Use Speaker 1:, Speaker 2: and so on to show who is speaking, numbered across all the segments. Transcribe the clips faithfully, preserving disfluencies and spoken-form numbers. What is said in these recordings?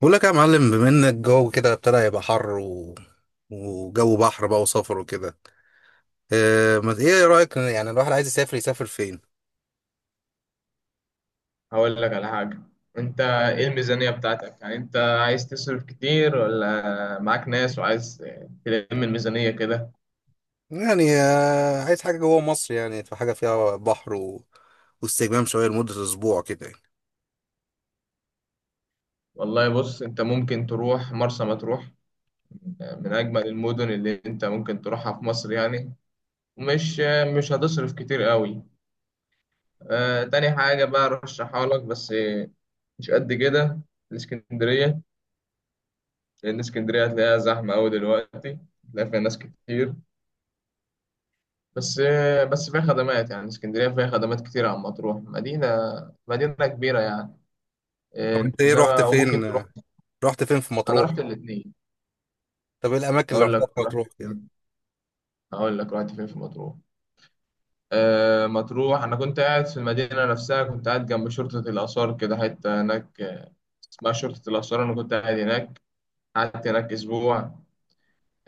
Speaker 1: بقول لك يا معلم، بما ان الجو كده ابتدى يبقى حر و... وجو بحر بقى وسفر وكده. اه، ما ايه رأيك؟ يعني الواحد عايز يسافر يسافر فين؟
Speaker 2: هقول لك على حاجة. انت ايه الميزانية بتاعتك؟ يعني انت عايز تصرف كتير ولا معاك ناس وعايز تلم الميزانية كده؟
Speaker 1: يعني اه، عايز حاجة جوه مصر. يعني في حاجة فيها بحر و... واستجمام شوية لمدة اسبوع كده يعني.
Speaker 2: والله بص، انت ممكن تروح مرسى مطروح، من اجمل المدن اللي انت ممكن تروحها في مصر يعني. ومش مش هتصرف كتير قوي. آه، تاني حاجة بقى ارشحها لك بس مش قد كده، الاسكندرية. لان اسكندرية هتلاقيها زحمة قوي دلوقتي، هتلاقي فيها ناس كتير. بس بس فيها خدمات، يعني اسكندرية فيها خدمات كتير عن مطروح. مدينة مدينة كبيرة يعني.
Speaker 1: طب انت ايه رحت
Speaker 2: إنما وممكن
Speaker 1: فين؟
Speaker 2: تروح.
Speaker 1: آه، رحت فين في
Speaker 2: أنا رحت
Speaker 1: مطروح؟
Speaker 2: الاتنين.
Speaker 1: طب ايه الاماكن اللي
Speaker 2: هقول
Speaker 1: رحتها
Speaker 2: لك
Speaker 1: في
Speaker 2: رحت
Speaker 1: مطروح كده؟
Speaker 2: فين هقول لك رحت فين في مطروح. آه، مطروح، أنا كنت قاعد في المدينة نفسها، كنت قاعد جنب شرطة الآثار، كده حتة هناك آه، اسمها شرطة الآثار. أنا كنت قاعد هناك، قعدت هناك أسبوع.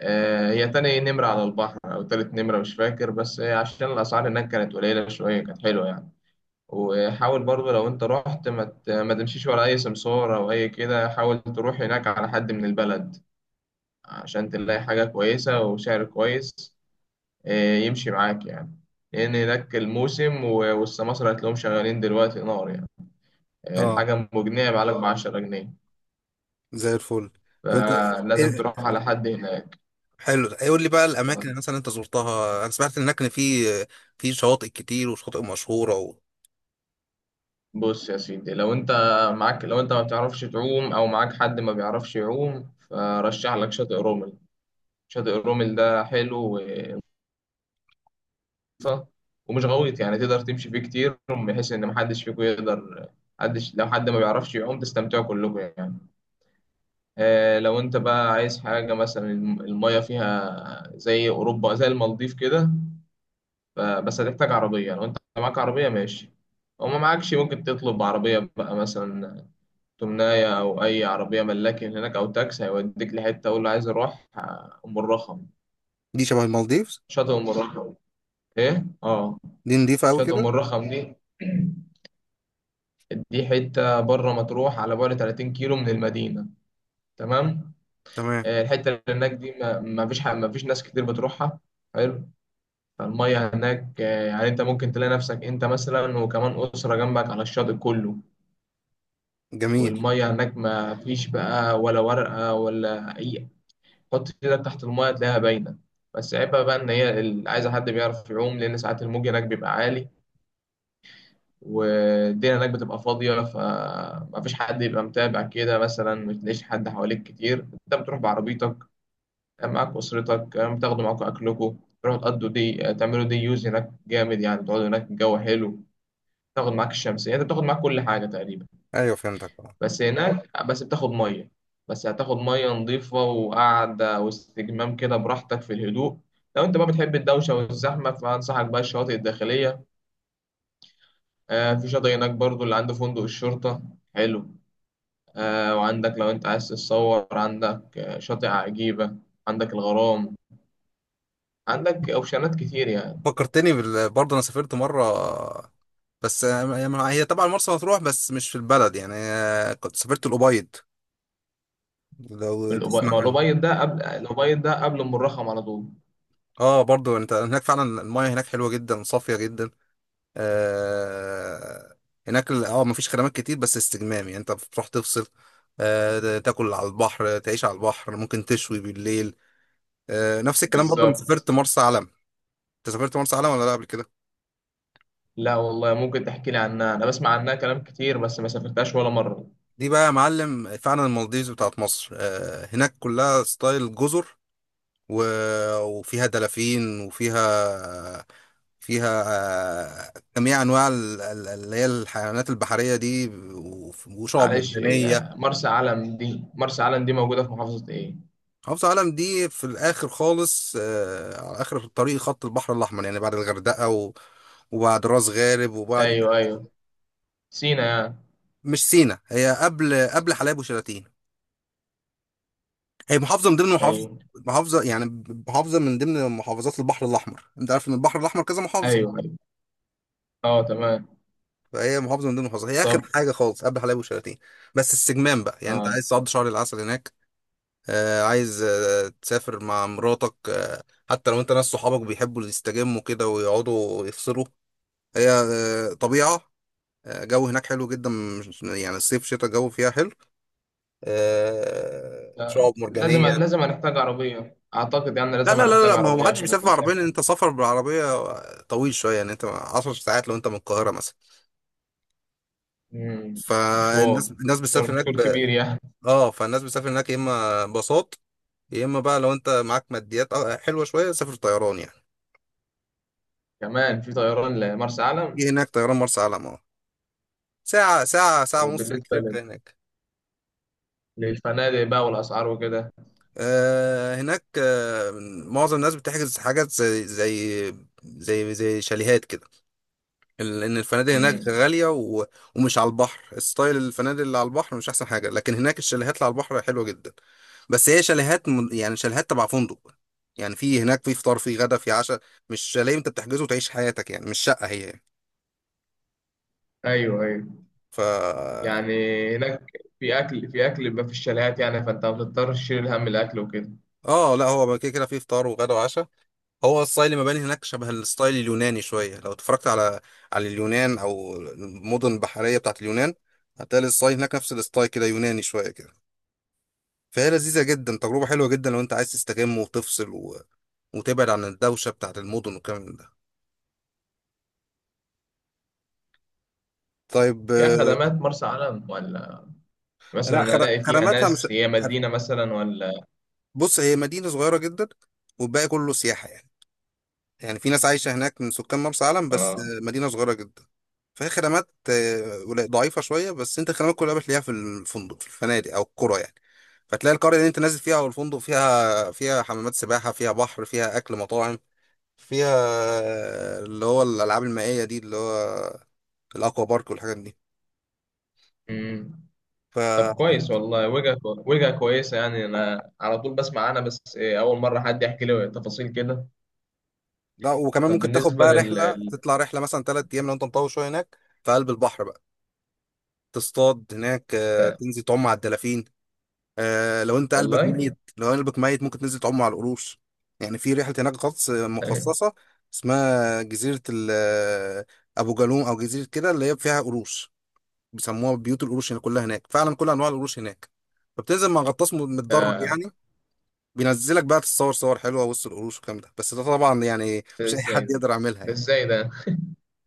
Speaker 2: آه، هي تاني نمرة على البحر أو تالت نمرة، مش فاكر، بس عشان الأسعار هناك كانت قليلة شوية، كانت حلوة يعني. وحاول برضو لو انت رحت ما ت- ما تمشيش ورا اي سمسار او اي كده، حاول تروح هناك على حد من البلد عشان تلاقي حاجة كويسة وسعر كويس. آه، يمشي معاك يعني. لان هناك الموسم و- والسماسرة هتلاقيهم شغالين دلوقتي نار يعني. آه،
Speaker 1: اه،
Speaker 2: الحاجة مجنيه بعلك بعشرة جنيه.
Speaker 1: زي الفل. طب انت
Speaker 2: فلازم
Speaker 1: ايه
Speaker 2: تروح على حد هناك.
Speaker 1: حلو، قول لي بقى الاماكن اللي مثلا انت زرتها. انا سمعت هناك ان في في شواطئ كتير وشواطئ مشهورة و...
Speaker 2: بص يا سيدي، لو انت معاك لو انت ما بتعرفش تعوم او معاك حد ما بيعرفش يعوم، فرشح لك شاطئ رومل. شاطئ رومل ده حلو، خفيفة ومش غويط، يعني تقدر تمشي فيه كتير، بحيث ان محدش فيكم يقدر حدش لو حد ما بيعرفش يعوم تستمتعوا كلكم يعني. آه لو انت بقى عايز حاجة مثلا الم- المية فيها زي اوروبا زي المالديف كده. ف- بس هتحتاج عربية. لو انت معاك عربية ماشي. لو ما معكش ممكن تطلب عربية بقى، مثلا تمناية أو أي عربية ملاكي هناك، أو تاكسي هيوديك لحتة، أقول له عايز أروح آه، أم الرخم.
Speaker 1: دي شبه المالديف؟
Speaker 2: شاطئ أم الرخم. إيه؟ آه.
Speaker 1: دي نضيفة أوي
Speaker 2: شاطئ أم
Speaker 1: كده.
Speaker 2: الرخم دي دي حتة بره مطروح، على بعد 30 كيلو من المدينة. تمام.
Speaker 1: تمام.
Speaker 2: آه، الحتة اللي هناك دي ما ما فيش ح- ما فيش ناس كتير بتروحها. حلو. فالمية هناك آه، يعني انت ممكن تلاقي نفسك، انت مثلا وكمان أسرة جنبك على الشاطئ كله.
Speaker 1: جميل.
Speaker 2: والمية هناك ما فيش بقى ولا ورقة ولا أي. حط ايدك تحت المية تلاقيها باينة. بس عيبها بقى إن هي ال- عايزة حد بيعرف يعوم، لأن ساعات الموج هناك بيبقى عالي. والدنيا هناك بتبقى فاضية، فمفيش حد يبقى متابع كده، مثلا ما تلاقيش حد حواليك كتير. انت بتروح بعربيتك، معاك أسرتك، بتاخدوا معاكم أكلكم، تروحوا تقضوا دي تعملوا دي، يوز هناك جامد يعني. تقعدوا هناك، الجو حلو، تاخد معاك الشمسية. انت بتاخد معاك كل حاجة تقريبا.
Speaker 1: أيوة فهمتك آه.
Speaker 2: بس هناك بس بتاخد مية بس هتاخد مية نظيفة، وقعدة واستجمام كده براحتك في الهدوء. لو انت بقى بتحب الدوشة والزحمة، فأنصحك بقى الشواطئ الداخلية. آه، في شاطئ هناك برضو اللي عنده فندق الشرطة. حلو. آه، وعندك لو انت عايز تتصور، عندك آه، شاطئ عجيبة، عندك الغرام، عندك اوبشنات كتير يعني.
Speaker 1: فكرتني بال... برضه أنا سافرت مرة. بس آه، هي طبعا مرسى مطروح بس مش في البلد يعني. آه، كنت سافرت الأبيض، لو
Speaker 2: الأبي-
Speaker 1: تسمع
Speaker 2: ما
Speaker 1: عنه.
Speaker 2: الأبيض ده قبل الأبيض ده قبل أم الرخم على طول.
Speaker 1: اه، برضه انت هناك فعلا المايه هناك حلوة جدا، صافية جدا. آه هناك ال- اه مفيش خدمات كتير بس استجمام، يعني انت بتروح تفصل. آه تاكل على البحر، تعيش على البحر، ممكن تشوي بالليل. آه نفس الكلام برضه لما
Speaker 2: بالظبط.
Speaker 1: سافرت مرسى علم. انت سافرت مرسى علم ولا لا قبل كده؟
Speaker 2: لا والله. ممكن تحكي لي عنها؟ انا بسمع عنها كلام كتير بس ما سافرتهاش ولا مرة.
Speaker 1: دي بقى يا معلم فعلا المالديفز بتاعت مصر. آه، هناك كلها ستايل جزر و- وفيها دلافين وفيها فيها آه، جميع انواع ال- ال- اللي هي الحيوانات البحريه دي وف- وشعب
Speaker 2: معلش،
Speaker 1: مرجانيه.
Speaker 2: هي مرسى علم دي مرسى علم دي موجودة في محافظة ايه؟
Speaker 1: محافظه علم دي في الاخر خالص، آه، على اخر الطريق خط البحر الاحمر يعني، بعد الغردقه و- وبعد راس غارب وبعد...
Speaker 2: ايوه، ايوه. سينا يعني؟
Speaker 1: مش سينا، هي قبل قبل حلايب وشلاتين. هي محافظه من ضمن محافظه،
Speaker 2: ايوه،
Speaker 1: محافظه يعني، محافظه من ضمن محافظات البحر الاحمر. انت عارف ان البحر الاحمر كذا محافظه.
Speaker 2: ايوه. ايوه اه، تمام.
Speaker 1: فهي محافظه من ضمن المحافظات. هي
Speaker 2: طب.
Speaker 1: اخر حاجه خالص قبل حلايب وشلاتين، بس السجمان بقى. يعني انت
Speaker 2: اه،
Speaker 1: عايز تقضي شهر العسل هناك؟ آه عايز آه تسافر مع مراتك. آه حتى لو انت ناس صحابك بيحبوا يستجموا كده ويقعدوا يفصلوا. هي آه طبيعه. آه جو هناك حلو جدا. مش- يعني الصيف شتاء الجو فيها حلو. آه
Speaker 2: لا،
Speaker 1: شعاب
Speaker 2: لازم
Speaker 1: مرجانيه.
Speaker 2: لازم هنحتاج عربية اعتقد، يعني
Speaker 1: لا
Speaker 2: لازم
Speaker 1: لا لا
Speaker 2: هنحتاج
Speaker 1: لا، ما هو
Speaker 2: عربية
Speaker 1: محدش
Speaker 2: عشان
Speaker 1: بيسافر بعربية، لأن
Speaker 2: المسافة.
Speaker 1: أنت سفر بالعربية طويل شوية يعني. أنت عشر ساعات لو أنت من القاهرة مثلا.
Speaker 2: مم. مشوار
Speaker 1: فالناس الناس
Speaker 2: مشوار
Speaker 1: بتسافر هناك
Speaker 2: مشوار
Speaker 1: ب...
Speaker 2: كبير يعني.
Speaker 1: أه فالناس بتسافر هناك يا إما باصات، يا إما بقى لو أنت معاك ماديات آه، حلوة شوية سافر طيران يعني.
Speaker 2: كمان في طيران لمرسى
Speaker 1: في
Speaker 2: علم؟
Speaker 1: هناك طيران مرسى علم. أه ساعة ساعة ساعة ونص
Speaker 2: وبالنسبة
Speaker 1: بالكتير
Speaker 2: لل-
Speaker 1: تلاقي هناك.
Speaker 2: للفنادق بقى والأسعار وكده.
Speaker 1: آه هناك آه معظم الناس بتحجز حاجات زي زي زي زي شاليهات كده. ال- ان الفنادق هناك
Speaker 2: مم.
Speaker 1: غاليه و... ومش على البحر. ستايل الفنادق اللي على البحر مش احسن حاجه، لكن هناك الشاليهات اللي على البحر حلوه جدا. بس هي شاليهات م... يعني شاليهات تبع فندق. يعني في هناك في فطار، في غدا، في عشاء. مش شاليه انت بتحجزه وتعيش حياتك يعني. مش شقه هي يعني.
Speaker 2: أيوه، أيوه.
Speaker 1: ف
Speaker 2: يعني هناك في أكل في أكل بيبقى في الشاليهات، يعني فأنت ما بتضطرش تشيل هم الأكل وكده.
Speaker 1: اه لا، هو كده كده في فطار وغدا وعشاء. هو ستايل المباني هناك شبه الستايل اليوناني شويه. لو اتفرجت على على اليونان او المدن البحريه بتاعت اليونان، هتلاقي الستايل هناك نفس الستايل كده، يوناني شويه كده. فهي لذيذة جدا، تجربة حلوة جدا لو انت عايز تستجم وتفصل و... وتبعد عن الدوشة بتاعت المدن والكلام من ده. طيب.
Speaker 2: فيها
Speaker 1: آه،
Speaker 2: خدمات مرسى علم، ولا
Speaker 1: لا،
Speaker 2: مثلا
Speaker 1: خر...
Speaker 2: ألاقي فيها
Speaker 1: خدماتها مش.
Speaker 2: ناس، هي
Speaker 1: خر-
Speaker 2: مدينة مثلا ولا؟
Speaker 1: بص، هي مدينة صغيرة جدا، والباقي كله سياحة يعني. يعني في ناس عايشة هناك من سكان مرسى علم، بس
Speaker 2: آه.
Speaker 1: آه، مدينة صغيرة جدا. فهي خدمات آه، قليل- ضعيفة شوية، بس انت الخدمات كلها بتلاقيها في الفندق، في الفنادق او القرى يعني. فتلاقي القرية اللي انت نازل فيها او الفندق، فيها فيها حمامات سباحة، فيها بحر، فيها اكل، مطاعم، فيها اللي هو الالعاب المائيه دي، اللي هو الاكوا بارك والحاجات دي.
Speaker 2: مم.
Speaker 1: ف
Speaker 2: طب كويس والله، وجهة وجهة كويسة يعني. أنا على طول بسمع عنها بس إيه، أول مرة حد يحكي لي تفاصيل كده.
Speaker 1: لا، وكمان
Speaker 2: طب.
Speaker 1: ممكن تاخد
Speaker 2: بالنسبة
Speaker 1: بقى رحله،
Speaker 2: لل...
Speaker 1: تطلع رحله مثلا ثلاث ايام لو انت مطول شويه هناك في قلب البحر بقى. تصطاد هناك، آه، تنزل تعوم على الدلافين. آه، لو انت قلبك
Speaker 2: والله.
Speaker 1: ميت، لو قلبك ميت ممكن تنزل تعوم على القروش. يعني في رحله هناك غطس مخصصه اسمها جزيره ال- آه، ابو جالوم، او جزيره كده اللي هي فيها قروش. بيسموها بيوت القروش. هنا كلها هناك فعلا كل انواع القروش هناك. فبتنزل مع غطاس م- متدرب
Speaker 2: ده
Speaker 1: يعني. بينزلك بقى تتصور صور حلوه وسط القروش والكلام ده، بس ده طبعا يعني
Speaker 2: ده
Speaker 1: مش اي
Speaker 2: ازاي
Speaker 1: حد
Speaker 2: ده،
Speaker 1: يقدر يعملها
Speaker 2: ده
Speaker 1: يعني.
Speaker 2: ازاي ده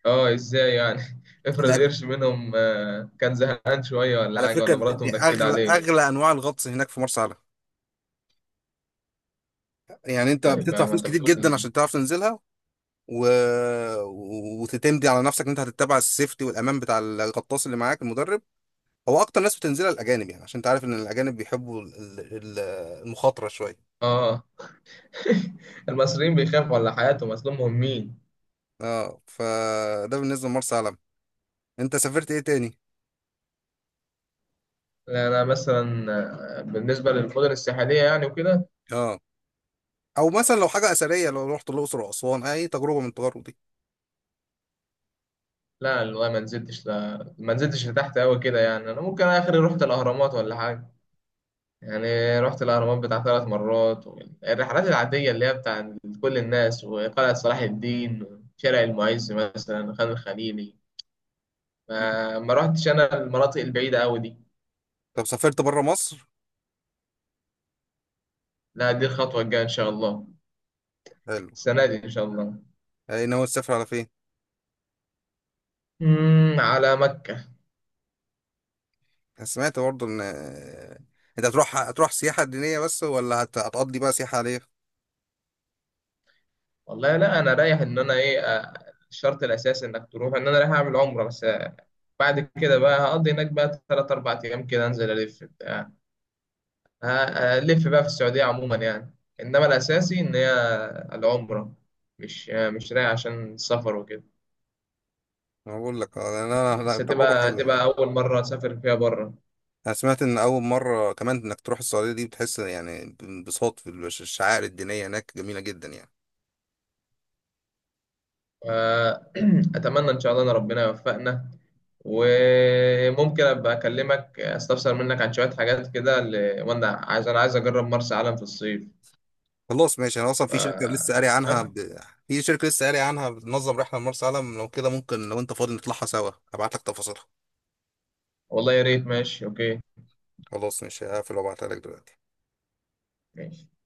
Speaker 2: اه ازاي يعني؟ افرض
Speaker 1: لأن-
Speaker 2: قرش منهم آه، كان زهقان شوية ولا
Speaker 1: على
Speaker 2: حاجة،
Speaker 1: فكره،
Speaker 2: ولا مراته
Speaker 1: دي
Speaker 2: منكدة
Speaker 1: اغلى
Speaker 2: عليه.
Speaker 1: اغلى انواع الغطس هناك في مرسى علم. يعني انت
Speaker 2: طيب
Speaker 1: بتدفع
Speaker 2: يا ما
Speaker 1: فلوس
Speaker 2: انت
Speaker 1: كتير
Speaker 2: بتقول.
Speaker 1: جدا عشان تعرف تنزلها و... و- وتتمدي على نفسك ان انت هتتبع السيفتي والامان بتاع الغطاس اللي معاك المدرب. هو اكتر ناس بتنزلها الاجانب، يعني عشان تعرف ان الاجانب بيحبوا ال- ال- المخاطره شويه.
Speaker 2: اه. المصريين بيخافوا على حياتهم، اصل هم مهمين.
Speaker 1: اه فده بالنسبه لمرسى علم. انت سافرت ايه تاني؟
Speaker 2: لا، انا مثلا آه، بالنسبة للمدن الساحلية يعني وكده.
Speaker 1: اه او مثلا لو حاجه اثريه، لو رحت الاقصر واسوان، اي تجربه من التجارب دي.
Speaker 2: لا والله ما نزلتش لا ما نزلتش لتحت قوي كده يعني. انا ممكن اخر رحت الاهرامات ولا حاجة. يعني رحت الأهرامات بتاع ثلاث مرات، والرحلات العادية اللي هي بتاع كل الناس، وقلعة صلاح الدين، وشارع المعز مثلا، خان الخليلي. ما, ما رحتش أنا المناطق البعيدة أوي دي.
Speaker 1: طب سافرت بره مصر؟
Speaker 2: لا، دي الخطوة الجاية إن شاء الله.
Speaker 1: حلو.
Speaker 2: السنة دي إن شاء الله.
Speaker 1: اي ناوي تسافر على فين؟
Speaker 2: أمم، على مكة.
Speaker 1: أنا سمعت برضه ان آه، انت هتروح هتروح سياحه دينيه بس، ولا هت... هتقضي بقى سياحه عليه؟
Speaker 2: والله لا، أنا رايح إن أنا إيه آه، الشرط الأساسي إنك تروح إن أنا رايح أعمل عمرة بس. آه، بعد كده بقى هقضي هناك بقى تلات أربع أيام كده، أنزل ألف ه- هلف بقى في السعودية عموما يعني. إنما الأساسي إن هي العمرة. مش آه، مش رايح عشان السفر وكده.
Speaker 1: انا بقول لك آه، انا أنا- لا،
Speaker 2: بس
Speaker 1: تجربه
Speaker 2: هتبقى
Speaker 1: حلوه
Speaker 2: هتبقى
Speaker 1: يعني.
Speaker 2: أول مرة أسافر فيها بره.
Speaker 1: انا سمعت ان اول مره كمان انك تروح السعوديه دي بتحس يعني بانبساط في الش- الشعائر الدينيه هناك جميله جدا يعني.
Speaker 2: أتمنى إن شاء الله إن ربنا يوفقنا. وممكن أبقى أكلمك أستفسر منك عن شوية حاجات كده، ل- وأنا عايز أنا عايز أجرب مرسى علم في الصيف.
Speaker 1: خلاص ماشي، انا اصلا
Speaker 2: ف...
Speaker 1: في شركه لسه قاري عنها
Speaker 2: تمام؟
Speaker 1: ب... في شركه لسه قاري عنها بتنظم رحله لمرسى علم. لو كده ممكن لو انت فاضي نطلعها سوا، هبعت لك تفاصيلها.
Speaker 2: والله يا ريت. ماشي أوكي.
Speaker 1: خلاص ماشي، هقفل وابعتها لك دلوقتي.
Speaker 2: ماشي.